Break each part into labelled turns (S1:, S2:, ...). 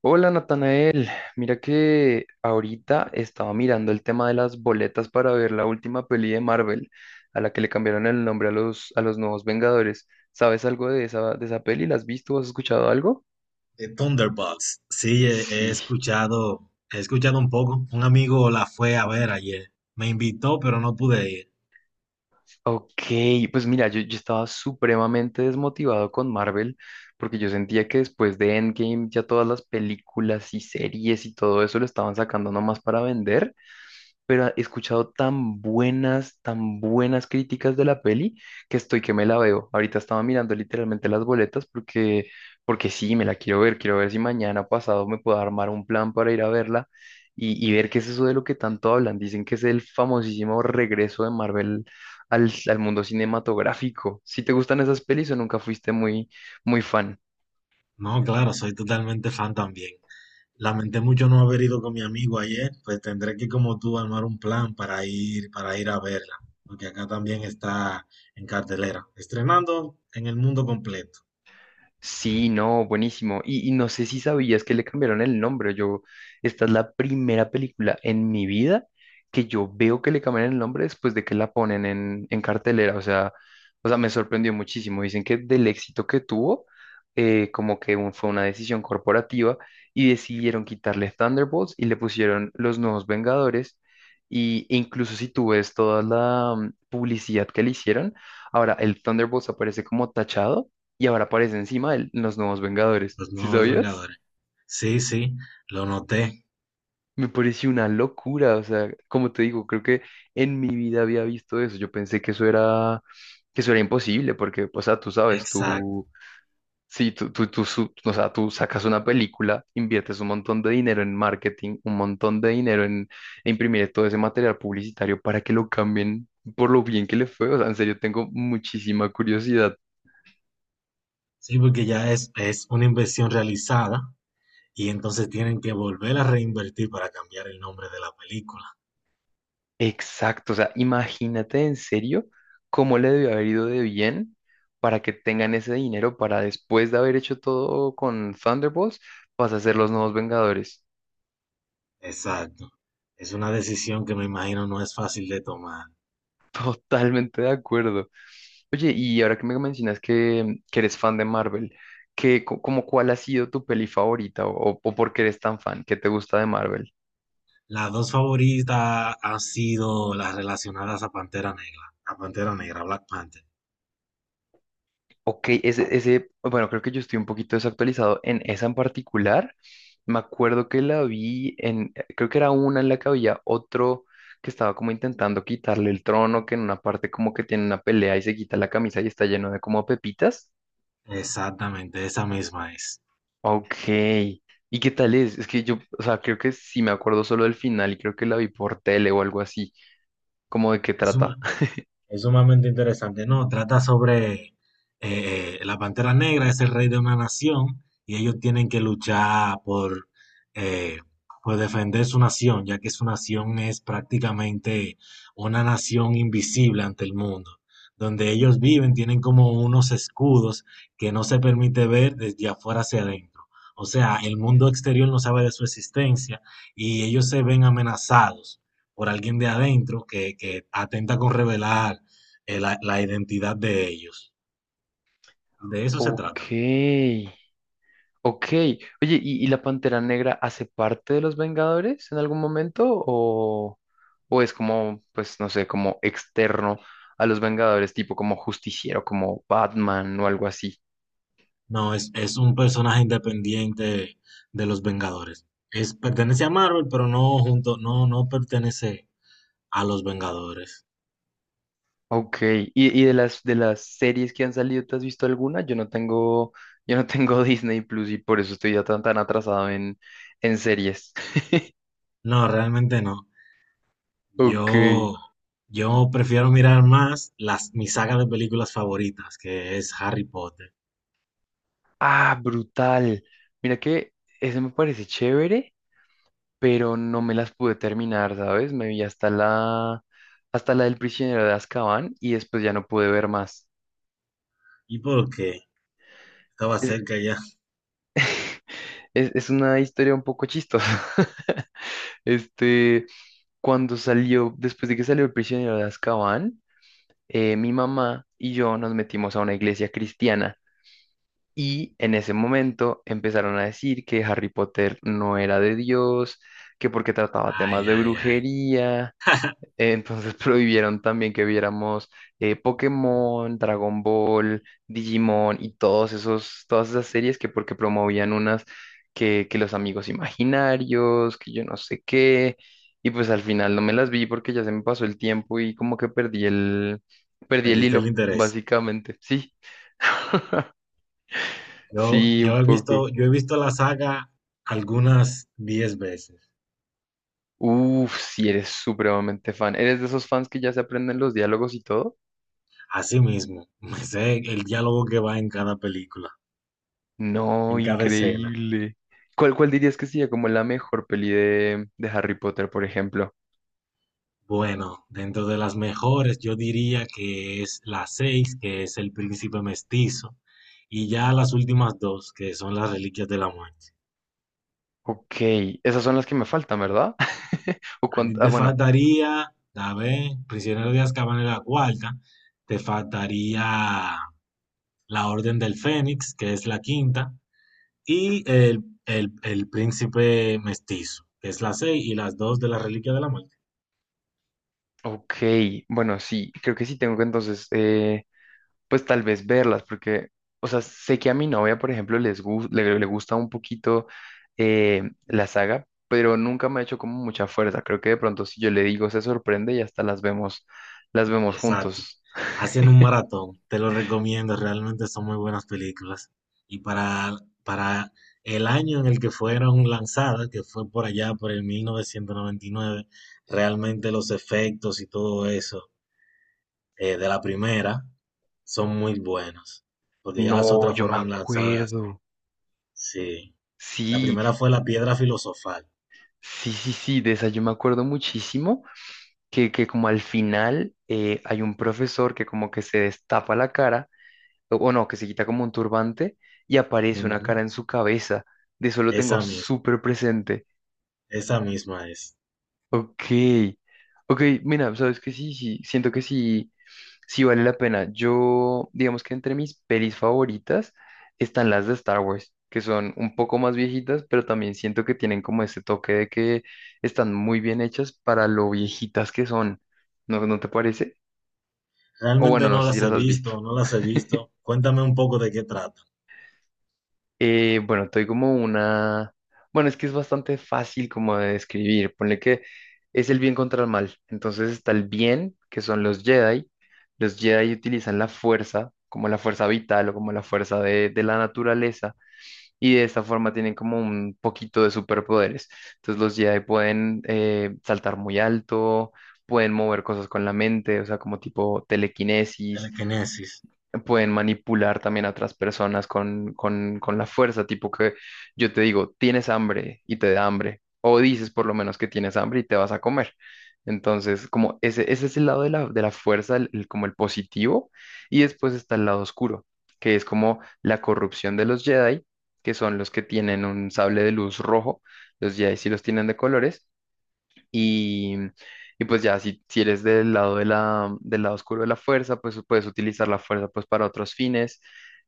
S1: Hola Natanael, mira que ahorita estaba mirando el tema de las boletas para ver la última peli de Marvel, a la que le cambiaron el nombre a los nuevos Vengadores. ¿Sabes algo de esa peli? ¿La has visto? ¿Has escuchado algo?
S2: Thunderbolts. Sí, he, he
S1: Sí,
S2: escuchado, he escuchado un poco. Un amigo la fue a ver ayer. Me invitó, pero no pude ir.
S1: ok, pues mira, yo estaba supremamente desmotivado con Marvel porque yo sentía que después de Endgame ya todas las películas y series y todo eso lo estaban sacando nomás para vender, pero he escuchado tan buenas críticas de la peli que estoy que me la veo. Ahorita estaba mirando literalmente las boletas porque sí, me la quiero ver. Quiero ver si mañana pasado me puedo armar un plan para ir a verla y ver qué es eso de lo que tanto hablan. Dicen que es el famosísimo regreso de Marvel al mundo cinematográfico. Si te gustan esas pelis o nunca fuiste muy, muy fan.
S2: No, claro, soy totalmente fan también. Lamenté mucho no haber ido con mi amigo ayer, pues tendré que, como tú, armar un plan para ir a verla, porque acá también está en cartelera, estrenando en el mundo completo,
S1: Sí, no, buenísimo. Y no sé si sabías que le cambiaron el nombre. Esta es la primera película en mi vida que yo veo que le cambian el nombre después de que la ponen en cartelera. O sea, me sorprendió muchísimo. Dicen que del éxito que tuvo, como que fue una decisión corporativa y decidieron quitarle Thunderbolts y le pusieron Los Nuevos Vengadores. Y incluso si tú ves toda la publicidad que le hicieron, ahora el Thunderbolts aparece como tachado y ahora aparece encima los nuevos Vengadores.
S2: los
S1: ¿Sí
S2: nuevos
S1: sabías?
S2: Vengadores. Sí, sí, lo noté.
S1: Me pareció una locura, o sea, como te digo, creo que en mi vida había visto eso. Yo pensé que eso era imposible, porque, o sea, tú sabes,
S2: Exacto.
S1: sí, o sea, tú sacas una película, inviertes un montón de dinero en marketing, un montón de dinero en imprimir todo ese material publicitario para que lo cambien por lo bien que le fue. O sea, en serio, tengo muchísima curiosidad.
S2: Sí, porque ya es una inversión realizada. Y entonces tienen que volver a reinvertir para cambiar el nombre de la película.
S1: Exacto, o sea, imagínate en serio cómo le debió haber ido de bien para que tengan ese dinero para, después de haber hecho todo con Thunderbolts, vas a ser los nuevos Vengadores.
S2: Exacto. Es una decisión que me imagino no es fácil de tomar.
S1: Totalmente de acuerdo. Oye, y ahora que me mencionas que eres fan de Marvel, Como cuál ha sido tu peli favorita o por qué eres tan fan? ¿Qué te gusta de Marvel?
S2: Las dos favoritas han sido las relacionadas a Pantera Negra, Black Panther.
S1: Ok, ese, bueno, creo que yo estoy un poquito desactualizado en esa en particular. Me acuerdo que la vi en, creo que era una en la que había otro que estaba como intentando quitarle el trono, que en una parte como que tiene una pelea y se quita la camisa y está lleno de como pepitas.
S2: Exactamente, esa misma es.
S1: Ok, ¿y qué tal es? Es que yo, o sea, creo que sí me acuerdo solo del final y creo que la vi por tele o algo así, como de qué
S2: Es
S1: trata.
S2: un- Es sumamente interesante, ¿no? Trata sobre la Pantera Negra, es el rey de una nación y ellos tienen que luchar eh, por defender su nación, ya que su nación es prácticamente una nación invisible ante el mundo. Donde ellos viven tienen como unos escudos que no se permite ver desde afuera hacia adentro. O sea, el mundo exterior no sabe de su existencia y ellos se ven amenazados por alguien de adentro que atenta con revelar la identidad de ellos. De eso se
S1: Ok.
S2: trata.
S1: Ok, oye, ¿y la Pantera Negra hace parte de los Vengadores en algún momento? ¿O es como, pues no sé, como externo a los Vengadores, tipo como Justiciero, como Batman o algo así?
S2: No, es un personaje independiente de los Vengadores. Es, pertenece a Marvel, pero no junto, no pertenece a los Vengadores.
S1: Ok, ¿y de las, series que han salido, ¿te has visto alguna? Yo no tengo Disney Plus y por eso estoy ya tan, atrasado en series.
S2: No, realmente no.
S1: Ok.
S2: Yo, yo prefiero mirar más las, mi saga de películas favoritas, que es Harry Potter.
S1: Ah, brutal. Mira que ese me parece chévere. Pero no me las pude terminar, ¿sabes? Me vi hasta la del prisionero de Azkaban y después ya no pude ver más.
S2: ¿Y por qué? Estaba
S1: Es,
S2: cerca ya.
S1: es una historia un poco chistosa. Este, cuando salió, después de que salió el prisionero de Azkaban, mi mamá y yo nos metimos a una iglesia cristiana. Y en ese momento empezaron a decir que Harry Potter no era de Dios, que porque trataba temas
S2: Ay,
S1: de
S2: ay, ay.
S1: brujería. Entonces prohibieron también que viéramos Pokémon, Dragon Ball, Digimon y todos esos, todas esas series, que porque promovían unas que los amigos imaginarios, que yo no sé qué, y pues al final no me las vi porque ya se me pasó el tiempo y como que perdí el,
S2: Perdiste el
S1: hilo,
S2: interés.
S1: básicamente. Sí,
S2: Yo,
S1: sí,
S2: yo
S1: un
S2: he
S1: poco.
S2: visto, yo he visto la saga algunas 10 veces.
S1: Uf, si eres supremamente fan. ¿Eres de esos fans que ya se aprenden los diálogos y todo?
S2: Así mismo, me sé el diálogo que va en cada película,
S1: No,
S2: en cada escena.
S1: increíble. ¿Cuál dirías que sería como la mejor peli de Harry Potter, por ejemplo?
S2: Bueno, dentro de las mejores, yo diría que es la 6, que es el príncipe mestizo, y ya las últimas dos, que son las reliquias de la muerte.
S1: Ok, esas son las que me faltan, ¿verdad? O
S2: A
S1: cuan-
S2: ti
S1: ah,
S2: te
S1: bueno,
S2: faltaría, a ver, prisionero de Azkaban es la cuarta, te faltaría la Orden del Fénix, que es la quinta, y el príncipe mestizo, que es la 6 y las dos de la reliquia de la muerte.
S1: ok, bueno, sí, creo que sí tengo que entonces, pues tal vez verlas, porque, o sea, sé que a mi novia, por ejemplo, les gus- le gusta un poquito la saga, pero nunca me ha hecho como mucha fuerza. Creo que de pronto si yo le digo, se sorprende y hasta las vemos
S2: Exacto.
S1: juntos.
S2: Hacen un maratón, te lo recomiendo, realmente son muy buenas películas. Y para el año en el que fueron lanzadas, que fue por allá, por el 1999, realmente los efectos y todo eso, de la primera son muy buenos, porque ya las
S1: No,
S2: otras
S1: yo me
S2: fueron lanzadas,
S1: acuerdo.
S2: sí. La
S1: Sí,
S2: primera fue La Piedra Filosofal.
S1: sí, sí, sí, de esa yo me acuerdo muchísimo que como al final hay un profesor que como que se destapa la cara, o no, que se quita como un turbante y aparece una
S2: Ujú.
S1: cara en su cabeza. De eso lo tengo
S2: Esa misma,
S1: súper presente.
S2: esa misma es.
S1: Ok, ok, mira, sabes que sí, sí, siento que sí, sí vale la pena. Yo, digamos que entre mis pelis favoritas están las de Star Wars, que son un poco más viejitas, pero también siento que tienen como ese toque de que están muy bien hechas para lo viejitas que son. ¿No, no te parece? O bueno,
S2: Realmente
S1: no
S2: no
S1: sé si
S2: las he
S1: las has visto.
S2: visto, no las he visto. Cuéntame un poco de qué trata.
S1: Bueno, te doy como una... Bueno, es que es bastante fácil como de describir. Ponle que es el bien contra el mal. Entonces está el bien, que son los Jedi. Los Jedi utilizan la fuerza, como la fuerza vital o como la fuerza de la naturaleza. Y de esta forma tienen como un poquito de superpoderes. Entonces los Jedi pueden saltar muy alto, pueden mover cosas con la mente, o sea, como tipo telequinesis.
S2: Telequinesis.
S1: Pueden manipular también a otras personas con, la fuerza, tipo que yo te digo, tienes hambre y te da hambre, o dices por lo menos que tienes hambre y te vas a comer. Entonces, como ese, es el lado de la fuerza, como el positivo, y después está el lado oscuro, que es como la corrupción de los Jedi, que son los que tienen un sable de luz rojo, los Jedi sí los tienen de colores, y, y pues ya, si, eres del lado del lado oscuro de la fuerza, pues puedes utilizar la fuerza pues para otros fines.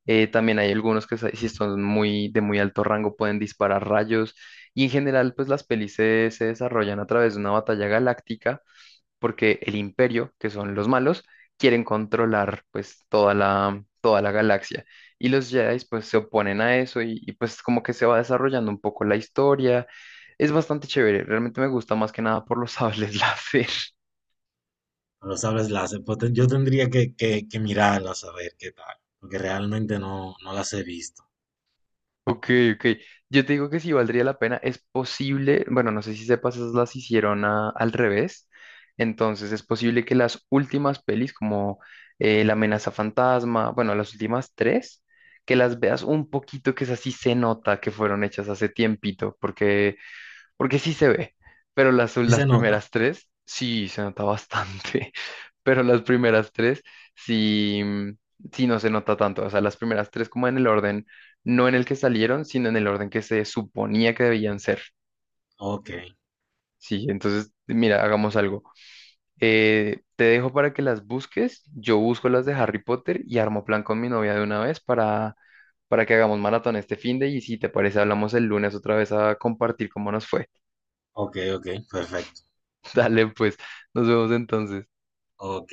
S1: También hay algunos que si son de muy alto rango pueden disparar rayos. Y en general, pues las pelis se desarrollan a través de una batalla galáctica porque el imperio, que son los malos, quieren controlar pues toda la galaxia. Y los Jedi pues se oponen a eso y, pues como que se va desarrollando un poco la historia. Es bastante chévere, realmente me gusta más que nada por los sables láser.
S2: Pero sabes las, pues, te- yo tendría que mirarlas a ver qué tal, porque realmente no las he visto.
S1: Ok, ok. Yo te digo que sí valdría la pena. Es posible, bueno, no sé si sepas, esas las hicieron al revés. Entonces es posible que las últimas pelis, como La amenaza fantasma, bueno, las últimas tres, que las veas un poquito, que es así se nota que fueron hechas hace tiempito, porque sí se ve, pero las,
S2: ¿Sí
S1: las
S2: se nota?
S1: primeras tres, sí, se nota bastante, pero las primeras tres, sí, sí no se nota tanto, o sea, las primeras tres como en el orden, no en el que salieron, sino en el orden que se suponía que debían ser,
S2: Ok,
S1: sí, entonces, mira, hagamos algo. Te dejo para que las busques, yo busco las de
S2: ok,
S1: Harry Potter y armo plan con mi novia de una vez Para que hagamos maratón este finde y si te parece hablamos el lunes otra vez a compartir cómo nos fue.
S2: ok, ok, perfecto.
S1: Dale pues. Nos vemos entonces.
S2: Ok.